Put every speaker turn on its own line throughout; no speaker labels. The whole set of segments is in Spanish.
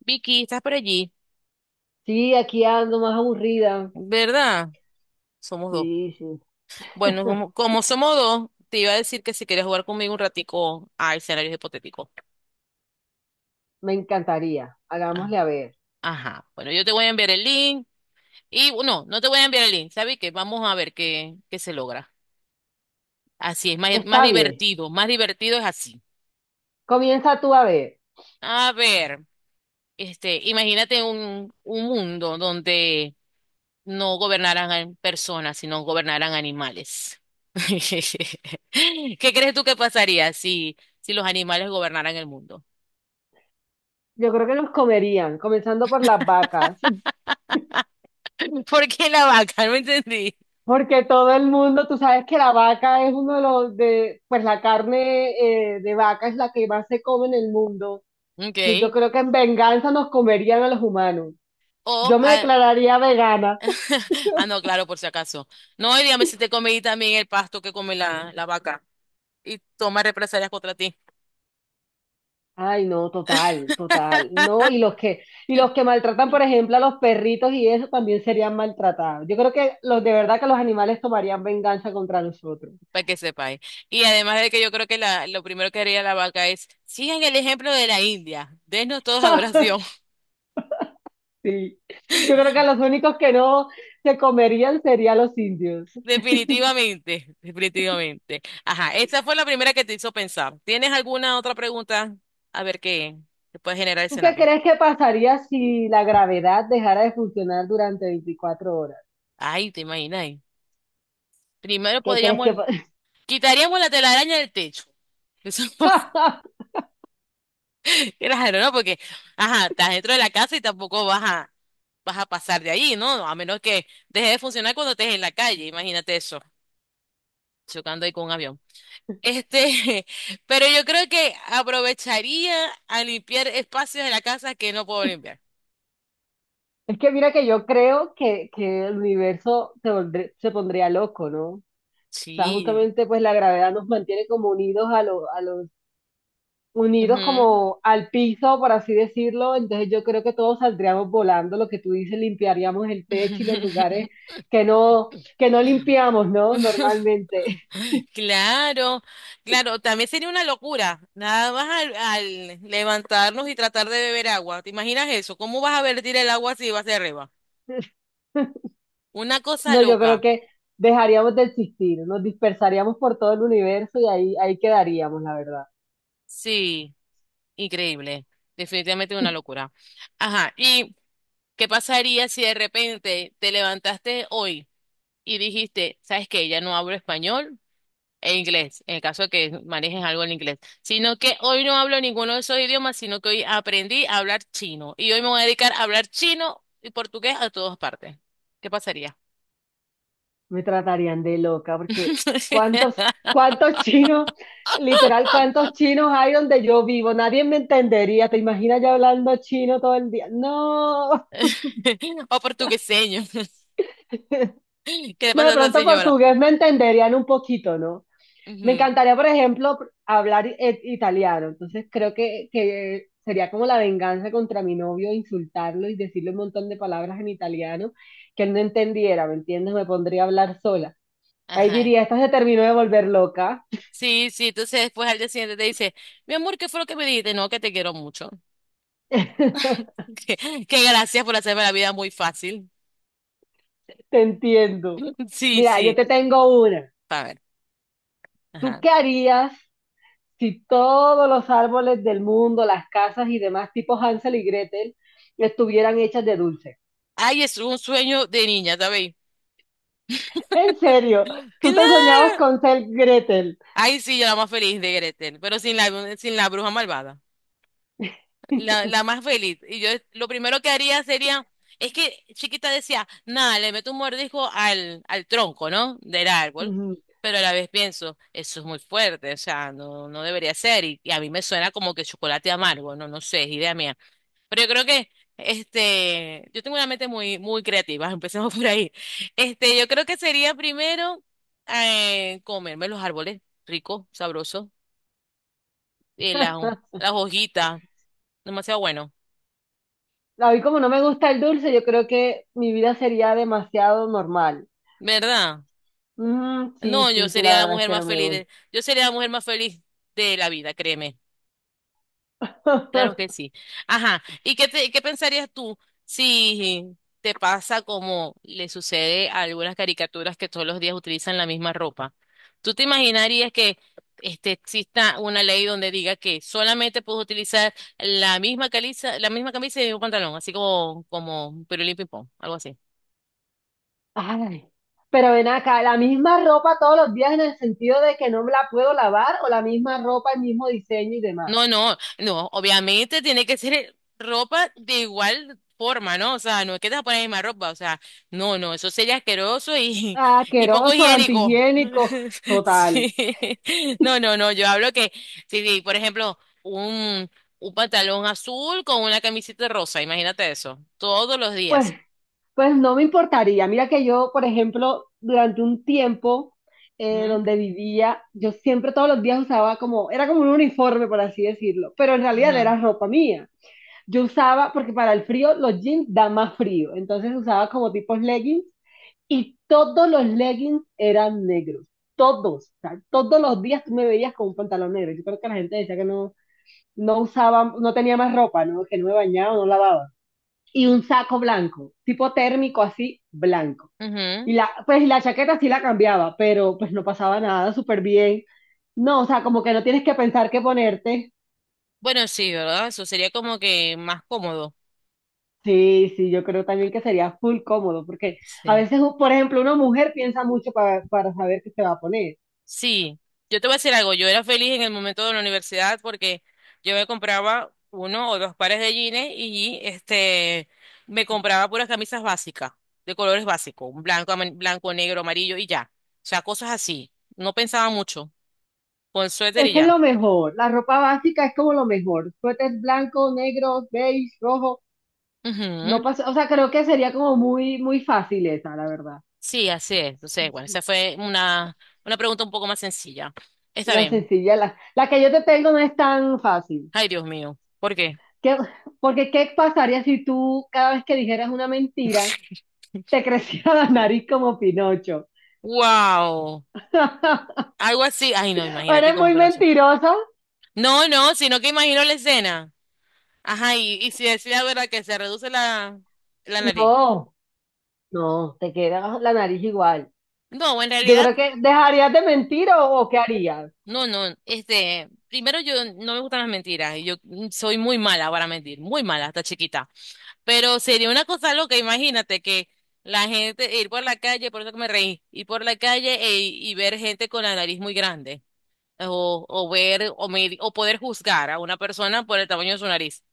Vicky, estás por allí,
Sí, aquí ando más aburrida.
¿verdad? Somos dos.
Sí, sí.
Bueno, como somos dos, te iba a decir que si quieres jugar conmigo un ratico a escenarios hipotéticos.
Me encantaría.
Ah.
Hagámosle a ver.
Ajá. Bueno, yo te voy a enviar el link. Y no te voy a enviar el link, ¿sabes qué? Vamos a ver qué se logra. Así es, más
Está bien.
divertido, más divertido es así.
Comienza tú a ver.
A ver, imagínate un mundo donde no gobernaran personas, sino gobernaran animales. ¿Qué crees tú que pasaría si los animales gobernaran el mundo?
Yo creo que nos comerían, comenzando por las vacas.
¿Por qué la vaca? No entendí.
Porque todo el mundo, tú sabes que la vaca es uno de los de, pues la carne de vaca es la que más se come en el mundo. Entonces, yo
Okay.
creo que en venganza nos comerían a los humanos.
O,
Yo me
ah.
declararía vegana.
Ah, no, claro, por si acaso. No, y dígame si te comí también el pasto que come la vaca y toma represalias contra ti.
Ay, no, total, total. No, y los que maltratan, por ejemplo, a los perritos y eso también serían maltratados. Yo creo que los de verdad que los animales tomarían venganza contra nosotros.
Para que sepáis. Y además de que yo creo que la, lo primero que haría la vaca es, sigan el ejemplo de la India, denos todos adoración.
Sí. Yo creo que los únicos que no se comerían serían los indios.
Definitivamente, definitivamente. Ajá, esa fue la primera que te hizo pensar. ¿Tienes alguna otra pregunta? A ver qué te puede generar el
¿Tú qué
escenario.
crees que pasaría si la gravedad dejara de funcionar durante 24 horas?
Ay, te imaginas. Primero
¿Qué crees que
podríamos,
pa-
quitaríamos la telaraña del techo. Eso es raro, ¿no? Porque, ajá, estás dentro de la casa y tampoco vas a, vas a pasar de ahí, ¿no? A menos que deje de funcionar cuando estés en la calle. Imagínate eso, chocando ahí con un avión. Este, pero yo creo que aprovecharía a limpiar espacios de la casa que no puedo limpiar.
Es que mira que yo creo que el universo se pondría loco, ¿no? O sea,
Sí.
justamente pues la gravedad nos mantiene como unidos a los, unidos
Ujú.
como al piso, por así decirlo. Entonces yo creo que todos saldríamos volando, lo que tú dices, limpiaríamos el techo y los lugares que no, que no limpiamos, ¿no? Normalmente.
Claro, claro, también sería una locura, nada más al levantarnos y tratar de beber agua. ¿Te imaginas eso? ¿Cómo vas a vertir el agua si vas hacia arriba? Una cosa
No, yo
loca.
creo que dejaríamos de existir, nos dispersaríamos por todo el universo y ahí quedaríamos, la verdad.
Sí, increíble. Definitivamente una locura. Ajá, y ¿qué pasaría si de repente te levantaste hoy y dijiste, sabes que ya no hablo español e inglés, en el caso de que manejes algo en inglés, sino que hoy no hablo ninguno de esos idiomas, sino que hoy aprendí a hablar chino y hoy me voy a dedicar a hablar chino y portugués a todas partes? ¿Qué pasaría?
Me tratarían de loca, porque ¿cuántos, cuántos chinos, literal, cuántos chinos hay donde yo vivo? Nadie me entendería, ¿te imaginas yo hablando chino todo el día? No,
O portugueseño. ¿Qué le
no,
pasa
de
a esa
pronto
señora?
portugués me entenderían un poquito, ¿no? Me
Ujú.
encantaría, por ejemplo, hablar italiano, entonces creo que sería como la venganza contra mi novio, insultarlo y decirle un montón de palabras en italiano que él no entendiera, ¿me entiendes? Me pondría a hablar sola. Ahí
Ajá.
diría, esta se terminó de volver loca.
Sí, sí, entonces después al día siguiente te dice, mi amor, ¿qué fue lo que me dijiste? No, que te quiero mucho. Que, gracias por hacerme la vida muy fácil.
Te entiendo.
Sí,
Mira, yo
sí.
te tengo una.
A ver.
¿Tú
Ajá.
qué harías si todos los árboles del mundo, las casas y demás, tipo Hansel y Gretel, estuvieran hechas de dulce?
Ay, es un sueño de niña, ¿sabéis?
En serio, tú te
¡Claro!
soñabas con ser Gretel.
Ay, sí, yo la más feliz de Gretel, pero sin la bruja malvada. La más feliz. Y yo lo primero que haría sería. Es que chiquita decía, nada, le meto un mordisco al tronco, ¿no? Del árbol.
Ujú.
Pero a la vez pienso, eso es muy fuerte, o sea, no, no debería ser. Y a mí me suena como que chocolate amargo, no, no sé, es idea mía. Pero yo creo que, yo tengo una mente muy creativa, empecemos por ahí. Yo creo que sería primero comerme los árboles, rico, sabroso, y las hojitas, demasiado bueno,
A mí como no me gusta el dulce, yo creo que mi vida sería demasiado normal.
¿verdad?
Ujú, sí,
No,
sí, sí, la verdad es que no me
yo sería la mujer más feliz de la vida, créeme. Claro
gusta.
que sí. Ajá. ¿Y qué pensarías tú si te pasa como le sucede a algunas caricaturas que todos los días utilizan la misma ropa? ¿Tú te imaginarías que exista una ley donde diga que solamente puedes utilizar la misma camisa y el mismo pantalón, así como pirulín ping pong, algo así?
Ay, pero ven acá, ¿la misma ropa todos los días en el sentido de que no me la puedo lavar o la misma ropa, el mismo diseño y demás?
No, no, no, obviamente tiene que ser ropa de igual forma, ¿no? O sea, no es que te vas a poner la misma ropa, o sea, no, no, eso sería asqueroso y,
Ah,
y poco
asqueroso,
higiénico.
antihigiénico, total.
Sí. No, no, no, yo hablo que, sí, sí, por ejemplo, un pantalón azul con una camiseta rosa, imagínate eso, todos los
Pues,
días.
pues no me importaría. Mira que yo, por ejemplo, durante un tiempo
Ujú,
donde vivía, yo siempre todos los días usaba como, era como un uniforme, por así decirlo, pero en realidad
ujú,
era ropa mía. Yo usaba, porque para el frío los jeans dan más frío, entonces usaba como tipos leggings. Y todos los leggings eran negros, todos, o sea, todos los días tú me veías con un pantalón negro. Yo creo que la gente decía que no, no usaba, no tenía más ropa, ¿no? Que no me bañaba, no lavaba. Y un saco blanco, tipo térmico así, blanco.
ujú.
Y la, pues la chaqueta sí la cambiaba, pero pues no pasaba nada, súper bien. No, o sea, como que no tienes que pensar qué ponerte.
Bueno, sí, ¿verdad? Eso sería como que más cómodo.
Sí, sí, yo creo también que sería full cómodo, porque a
Sí.
veces, por ejemplo, una mujer piensa mucho para saber qué se va a poner.
Sí, yo te voy a decir algo, yo era feliz en el momento de la universidad porque yo me compraba uno o dos pares de jeans y me compraba puras camisas básicas, de colores básicos, un blanco, blanco, negro, amarillo y ya. O sea, cosas así. No pensaba mucho, con suéter
Es
y
que es
ya.
lo mejor, la ropa básica es como lo mejor, suéter blanco, negro, beige, rojo, no
Ujú.
pasa, o sea, creo que sería como muy fácil esa, la verdad.
Sí, así es. Entonces, bueno, esa fue una pregunta un poco más sencilla. Está
La
bien.
sencilla, la que yo te tengo no es tan fácil.
Ay, Dios mío. ¿Por qué?
¿Qué- porque qué pasaría si tú cada vez que dijeras una mentira te creciera la nariz como Pinocho?
Wow. Algo así. Ay, no,
¿O
imagínate
eres
cómo
muy
penoso.
mentiroso?
No, no, sino que imagino la escena. Ajá, y si decía, ¿verdad? Que se reduce la nariz.
No, no, te queda la nariz igual.
No, en
Yo
realidad,
creo que dejarías de mentir o qué harías.
no, no. Primero yo no me gustan las mentiras. Y yo soy muy mala para mentir, muy mala, hasta chiquita. Pero sería una cosa loca, imagínate que la gente, ir por la calle, por eso que me reí, ir por la calle y ver gente con la nariz muy grande. O ver, o, medir- o poder juzgar a una persona por el tamaño de su nariz.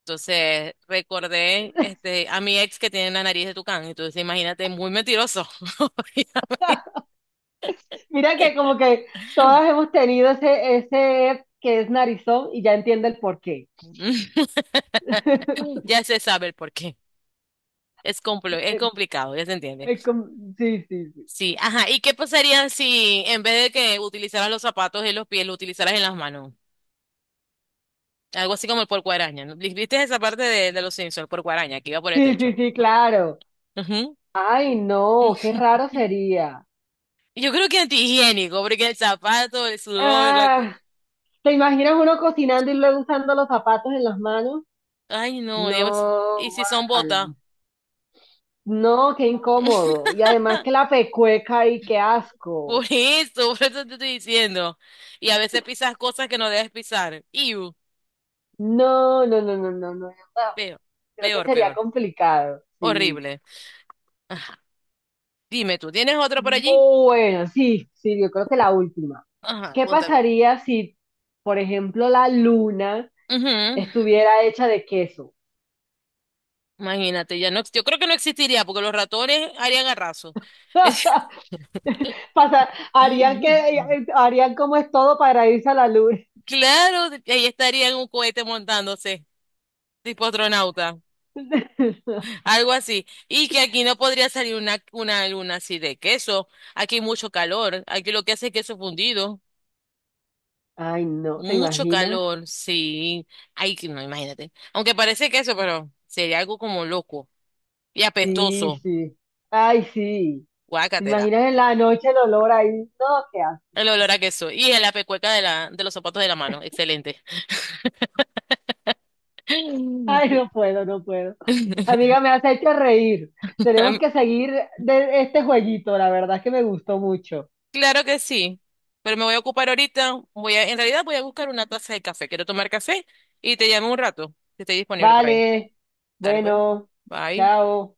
Entonces recordé a mi ex que tiene la nariz de tucán. Entonces imagínate, muy mentiroso.
Mira que como que todas hemos tenido ese que es narizón y ya entiende el porqué.
Ya se sabe el por qué. Es
Eh,
complicado, ya se entiende.
eh, como- Sí, sí, sí.
Sí, ajá. ¿Y qué pasaría si en vez de que utilizaras los zapatos en los pies, lo utilizaras en las manos? Algo así como el porco araña, ¿no? ¿Viste esa parte de los Simpsons, el porco araña, que iba por el
Sí, sí,
techo?
sí, claro.
Ujú.
Ay, no, qué raro sería.
Yo creo que antihigiénico, porque el zapato, el sudor, la...
Ah, ¿te imaginas uno cocinando y luego usando los zapatos en las manos?
Ay, no, digamos,
No,
¿y si son botas?
guácala. No, qué incómodo. Y además que la pecueca y qué asco.
Por eso te estoy diciendo. Y a veces pisas cosas que no debes pisar. Iu,
No, no, no, no, no, no. No.
peor,
Creo que
peor,
sería
peor.
complicado, sí.
Horrible. Ajá. Dime tú, ¿tienes otro por allí?
Bueno, sí, sí, yo creo que la última.
Ajá,
¿Qué
cuéntalo.
pasaría si, por ejemplo, la luna
Ujú.
estuviera hecha de queso?
Imagínate, ya no, yo creo que no existiría porque los ratones harían arraso. Es-
Harían que, harían como es todo para irse a la luna.
Claro, ahí estaría en un cohete montándose, tipo astronauta, algo así. Y que aquí no podría salir una luna así de queso. Aquí hay mucho calor, aquí lo que hace es queso fundido.
Ay, no, ¿te
Mucho
imaginas?
calor, sí. Ay, que no, imagínate. Aunque parece que eso, pero sería algo como loco y
Sí,
apestoso.
sí. Ay, sí. ¿Te
Guácatela.
imaginas en la noche el olor ahí? No, qué asco.
El olor a queso. Y el pecueca de de los zapatos de la mano. Excelente.
Ay, no puedo, no puedo. Amiga, me has hecho reír. Tenemos
Am-
que seguir de este jueguito, la verdad es que me gustó mucho.
Claro que sí. Pero me voy a ocupar ahorita. Voy a, en realidad voy a buscar una taza de café. Quiero tomar café y te llamo un rato, que esté disponible por ahí.
Vale,
Dale, pues.
bueno,
Bye.
chao.